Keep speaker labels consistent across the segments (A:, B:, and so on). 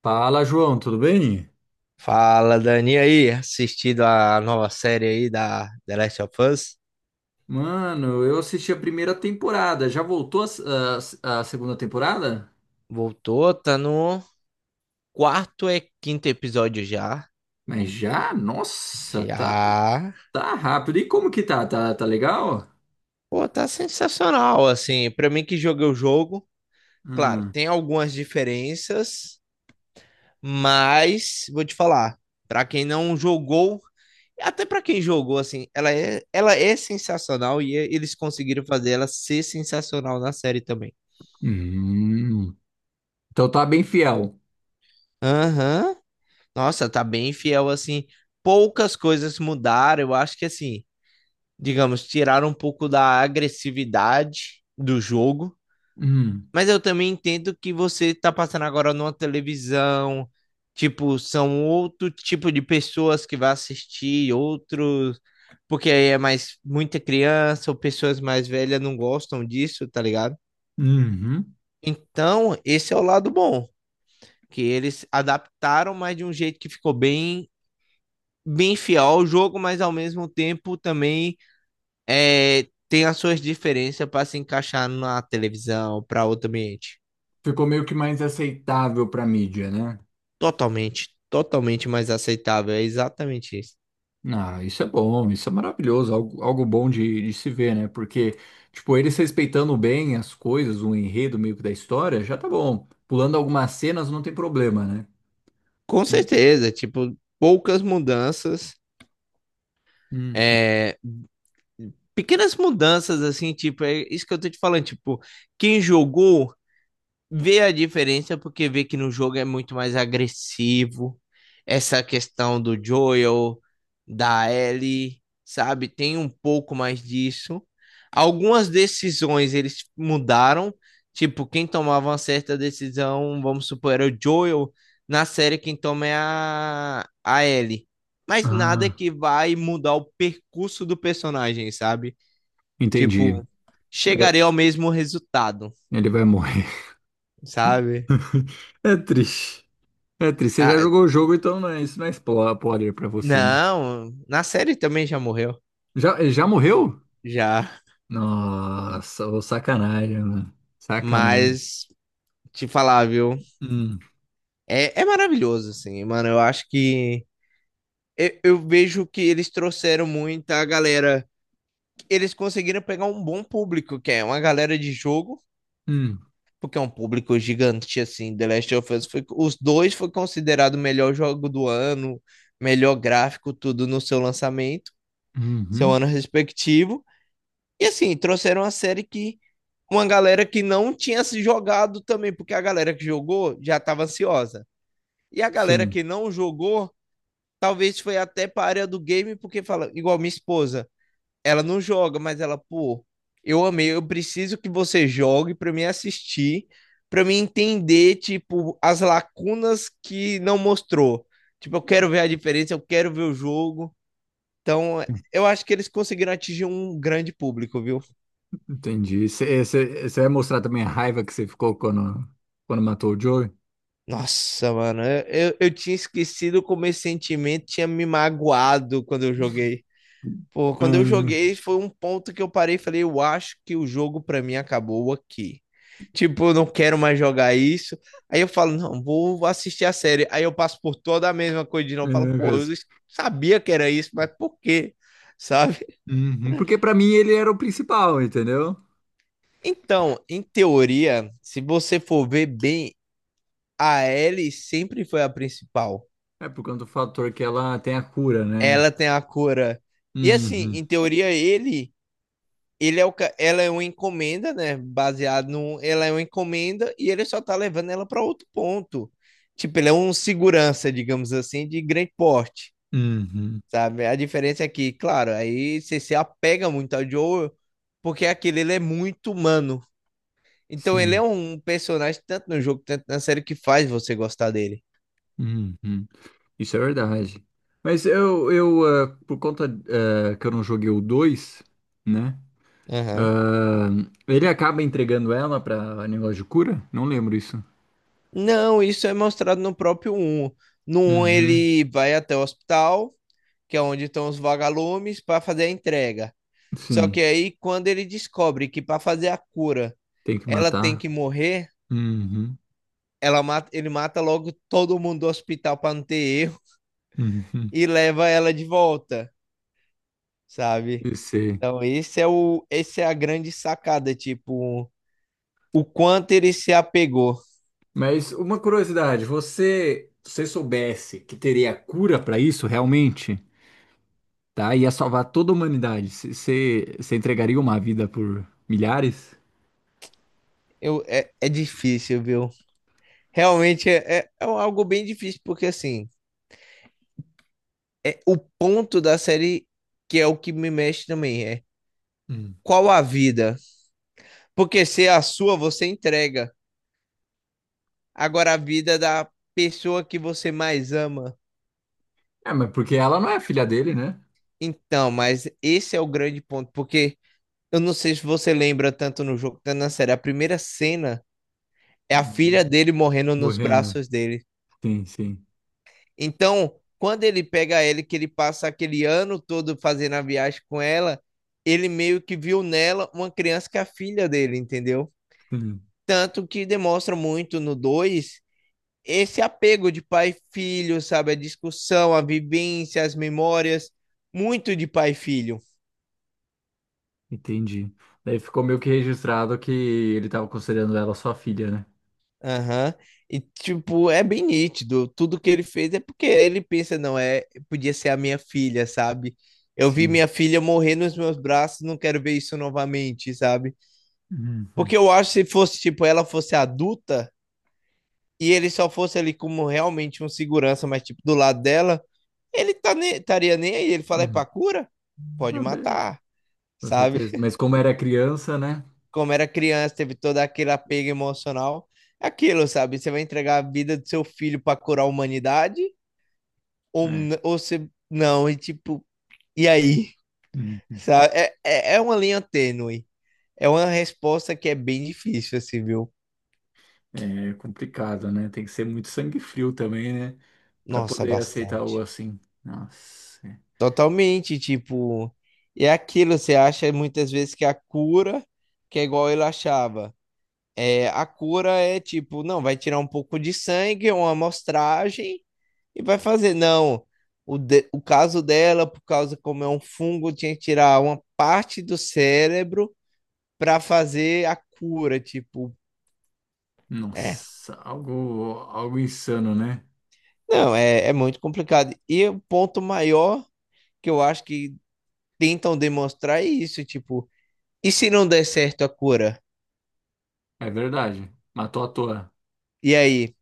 A: Fala, João, tudo bem?
B: Fala, Dani. E aí, assistido a nova série aí da The Last of Us?
A: Mano, eu assisti a primeira temporada. Já voltou a, a segunda temporada?
B: Voltou, tá no quarto e quinto episódio já.
A: Mas já? Nossa, tá,
B: Já.
A: tá rápido. E como que tá? Tá legal?
B: Pô, tá sensacional, assim, pra mim que joguei o jogo, claro,
A: Ah.
B: tem algumas diferenças, mas vou te falar, pra quem não jogou, até pra quem jogou, assim, ela é sensacional e eles conseguiram fazer ela ser sensacional na série também.
A: Hum. Então tá bem fiel.
B: Aham. Nossa, tá bem fiel assim. Poucas coisas mudaram. Eu acho que assim, digamos, tiraram um pouco da agressividade do jogo.
A: Hum.
B: Mas eu também entendo que você tá passando agora numa televisão. Tipo, são outro tipo de pessoas que vai assistir, outros. Porque aí é mais muita criança ou pessoas mais velhas não gostam disso, tá ligado?
A: Uhum.
B: Então, esse é o lado bom, que eles adaptaram, mas de um jeito que ficou bem fiel ao jogo, mas ao mesmo tempo também é, tem as suas diferenças para se encaixar na televisão, para outro ambiente.
A: Ficou meio que mais aceitável pra mídia, né?
B: Totalmente, totalmente mais aceitável. É exatamente isso.
A: Ah, isso é bom, isso é maravilhoso, algo, algo bom de se ver, né? Porque, tipo, eles respeitando bem as coisas, o enredo meio que da história, já tá bom. Pulando algumas cenas não tem problema, né?
B: Com
A: Hum,
B: certeza, tipo, poucas mudanças,
A: hum.
B: é, pequenas mudanças, assim, tipo, é isso que eu tô te falando, tipo, quem jogou vê a diferença porque vê que no jogo é muito mais agressivo. Essa questão do Joel, da Ellie, sabe? Tem um pouco mais disso. Algumas decisões eles mudaram. Tipo, quem tomava uma certa decisão, vamos supor, era o Joel. Na série, quem toma é a Ellie. Mas nada
A: Ah,
B: que vai mudar o percurso do personagem, sabe?
A: entendi.
B: Tipo,
A: É,
B: chegarei ao mesmo resultado,
A: ele vai morrer.
B: sabe?
A: É triste. É triste. Você já
B: Ah,
A: jogou o jogo, então isso não é spoiler pra você, né?
B: não, na série também já morreu,
A: Já, ele já morreu?
B: já.
A: Nossa, ô sacanagem, mano. Sacanagem.
B: Mas te falar, viu?
A: Hum,
B: É, é maravilhoso, assim, mano. Eu acho que eu vejo que eles trouxeram muita galera. Eles conseguiram pegar um bom público, que é uma galera de jogo,
A: hum,
B: porque é um público gigante, assim. The Last of Us foi, os dois foi considerado o melhor jogo do ano, melhor gráfico, tudo no seu lançamento, seu ano
A: uhum.
B: respectivo. E assim, trouxeram uma série que uma galera que não tinha se jogado também, porque a galera que jogou já estava ansiosa. E a galera
A: Sim.
B: que não jogou, talvez foi até para a área do game, porque fala, igual minha esposa, ela não joga, mas ela, pô, eu amei, eu preciso que você jogue para me assistir, para me entender, tipo, as lacunas que não mostrou. Tipo, eu quero ver a diferença, eu quero ver o jogo. Então, eu acho que eles conseguiram atingir um grande público, viu?
A: Entendi. Você vai mostrar também a raiva que você ficou quando, quando matou o Joey?
B: Nossa, mano, eu tinha esquecido como esse sentimento tinha me magoado quando eu joguei. Pô, quando eu
A: Ah,
B: joguei, foi um ponto que eu parei e falei, eu acho que o jogo pra mim acabou aqui. Tipo, eu não quero mais jogar isso. Aí eu falo, não, vou assistir a série. Aí eu passo por toda a mesma coisa de novo. Eu falo,
A: é,
B: pô, eu
A: Cus.
B: sabia que era isso, mas por quê? Sabe?
A: Uhum, porque pra mim ele era o principal, entendeu?
B: Então, em teoria, se você for ver bem, a Ellie sempre foi a principal.
A: É por conta do fator que ela tem a cura, né?
B: Ela tem a cura. E assim,
A: Uhum,
B: em teoria, ele é o, ca- ela é uma encomenda, né? Baseado no, ela é uma encomenda e ele só tá levando ela para outro ponto. Tipo, ele é um segurança, digamos assim, de grande porte,
A: uhum,
B: sabe? A diferença é que, claro, aí você se apega muito ao Joel, porque aquele ele é muito humano. Então ele é
A: sim,
B: um personagem tanto no jogo, tanto na série que faz você gostar dele.
A: uhum. Isso é verdade. Mas eu por conta que eu não joguei o 2, né? Ah, ele acaba entregando ela pra negócio de cura? Não lembro isso.
B: Não, isso é mostrado no próprio um. No um
A: Uhum,
B: ele vai até o hospital, que é onde estão os vagalumes, para fazer a entrega. Só que
A: sim,
B: aí, quando ele descobre que para fazer a cura
A: tem que
B: ela tem
A: matar.
B: que morrer,
A: Uhum,
B: ela mata, ele mata logo todo mundo do hospital para não ter erro
A: uhum,
B: e leva ela de volta, sabe?
A: eu sei.
B: Então, esse é a grande sacada, tipo, o quanto ele se apegou.
A: Mas uma curiosidade, você, se você soubesse que teria cura para isso realmente, tá? Ia salvar toda a humanidade. Você, você entregaria uma vida por milhares?
B: Eu, é difícil, viu? Realmente é algo bem difícil, porque assim. É o ponto da série que é o que me mexe também, é
A: Hum.
B: qual a vida? Porque se é a sua, você entrega. Agora a vida da pessoa que você mais ama.
A: É, mas porque ela não é filha dele, né?
B: Então, mas esse é o grande ponto, porque eu não sei se você lembra tanto no jogo quanto na série, a primeira cena é a filha
A: Uhum.
B: dele morrendo nos
A: Morrendo.
B: braços dele.
A: Sim, sim.
B: Então, quando ele pega ele, que ele passa aquele ano todo fazendo a viagem com ela, ele meio que viu nela uma criança que é a filha dele, entendeu?
A: Sim.
B: Tanto que demonstra muito no 2 esse apego de pai e filho, sabe? A discussão, a vivência, as memórias, muito de pai e filho.
A: Entendi. Daí ficou meio que registrado que ele estava considerando ela sua filha, né?
B: Aham. E, tipo, é bem nítido. Tudo que ele fez é porque ele pensa, não, é, podia ser a minha filha, sabe? Eu vi
A: Sim.
B: minha filha morrer nos meus braços, não quero ver isso novamente, sabe?
A: Uhum.
B: Porque eu acho que se fosse, tipo, ela fosse adulta e ele só fosse ali como realmente um segurança, mas, tipo, do lado dela, estaria nem aí. Ele fala, é
A: Uhum.
B: pra cura? Pode
A: Tá bem,
B: matar,
A: com
B: sabe?
A: certeza. Mas como era criança, né?
B: Como era criança, teve todo aquele apego emocional. Aquilo, sabe? Você vai entregar a vida do seu filho pra curar a humanidade? Ou você... Não, e tipo... E aí?
A: Uhum.
B: Sabe? É uma linha tênue. É uma resposta que é bem difícil, assim, viu?
A: É complicado, né? Tem que ser muito sangue frio também, né? Pra
B: Nossa,
A: poder aceitar algo
B: bastante.
A: assim. Nossa, é.
B: Totalmente, tipo... E é aquilo, você acha muitas vezes que a cura, que é igual ele achava. É, a cura é tipo, não, vai tirar um pouco de sangue, é uma amostragem e vai fazer. Não, o caso dela, por causa como é um fungo, tinha que tirar uma parte do cérebro para fazer a cura, tipo. É,
A: Nossa, algo, algo insano, né?
B: não, é muito complicado. E o ponto maior que eu acho que tentam demonstrar é isso, tipo, e se não der certo a cura?
A: É verdade. Matou à toa.
B: E aí,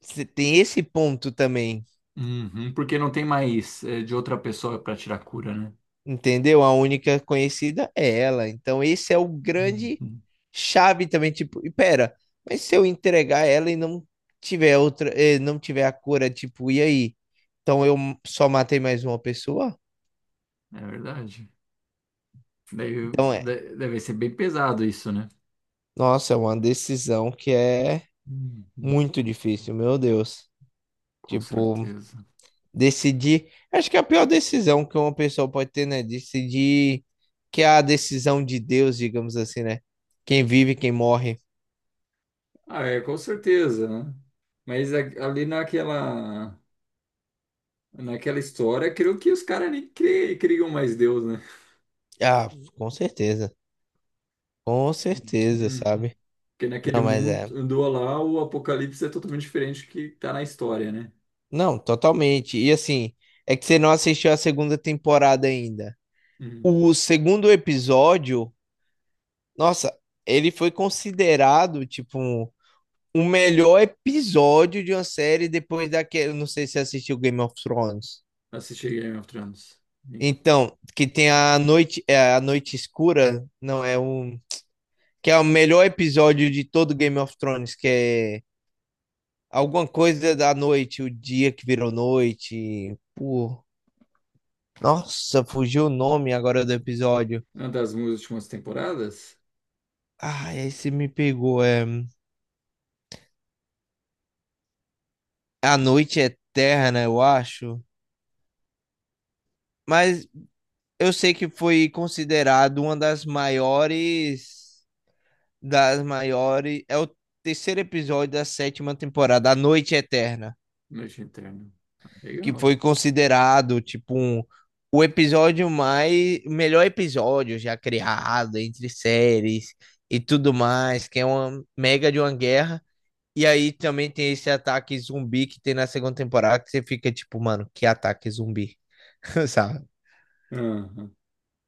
B: você tem esse ponto também
A: Uhum, porque não tem mais é, de outra pessoa pra tirar cura, né?
B: Entendeu? A única conhecida é ela. Então, esse é o grande
A: Uhum.
B: chave também, tipo, e pera, mas se eu entregar ela e não tiver outra, não tiver a cura, tipo, e aí? Então eu só matei mais uma pessoa?
A: É verdade. Deve,
B: Então é.
A: Deve ser bem pesado isso, né?
B: Nossa, é uma decisão que é
A: Uhum.
B: muito difícil, meu Deus.
A: Com
B: Tipo,
A: certeza.
B: decidir, acho que é a pior decisão que uma pessoa pode ter, né? Decidir que é a decisão de Deus, digamos assim, né? Quem vive, quem morre.
A: Ah, é, com certeza, né? Mas ali naquela história, creio que os caras nem criam mais Deus, né?
B: Ah, com certeza. Com certeza,
A: Uhum.
B: sabe?
A: Porque naquele
B: Não, mas é.
A: mundo lá, o Apocalipse é totalmente diferente do que tá na história, né?
B: Não, totalmente. E assim, é que você não assistiu a segunda temporada ainda.
A: Uhum.
B: O segundo episódio, nossa, ele foi considerado, tipo, um- o melhor episódio de uma série depois daquele. Não sei se você assistiu Game of Thrones.
A: Assisti Game of Thrones. Sim.
B: Então, que tem a noite, é, a noite escura, não é um, que é o melhor episódio de todo Game of Thrones, que é alguma coisa da noite, o dia que virou noite. Pô, nossa, fugiu o nome agora do episódio.
A: Uma das minhas últimas temporadas?
B: Ah, esse me pegou. É A Noite Eterna, eu acho. Mas eu sei que foi considerado uma das maiores. Das maiores. É o terceiro episódio da sétima temporada, A Noite Eterna.
A: Noite Eterna.
B: Que
A: Legal.
B: foi considerado tipo um, o episódio mais melhor episódio já criado entre séries e tudo mais, que é uma mega de uma guerra. E aí também tem esse ataque zumbi que tem na segunda temporada que você fica tipo, mano, que ataque zumbi, sabe?
A: Aham.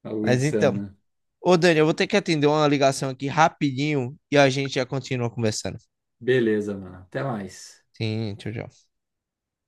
A: Algo
B: Mas então,
A: insana.
B: ô Dani, eu vou ter que atender uma ligação aqui rapidinho e a gente já continua conversando.
A: Beleza, mano. Até mais.
B: Sim, tchau.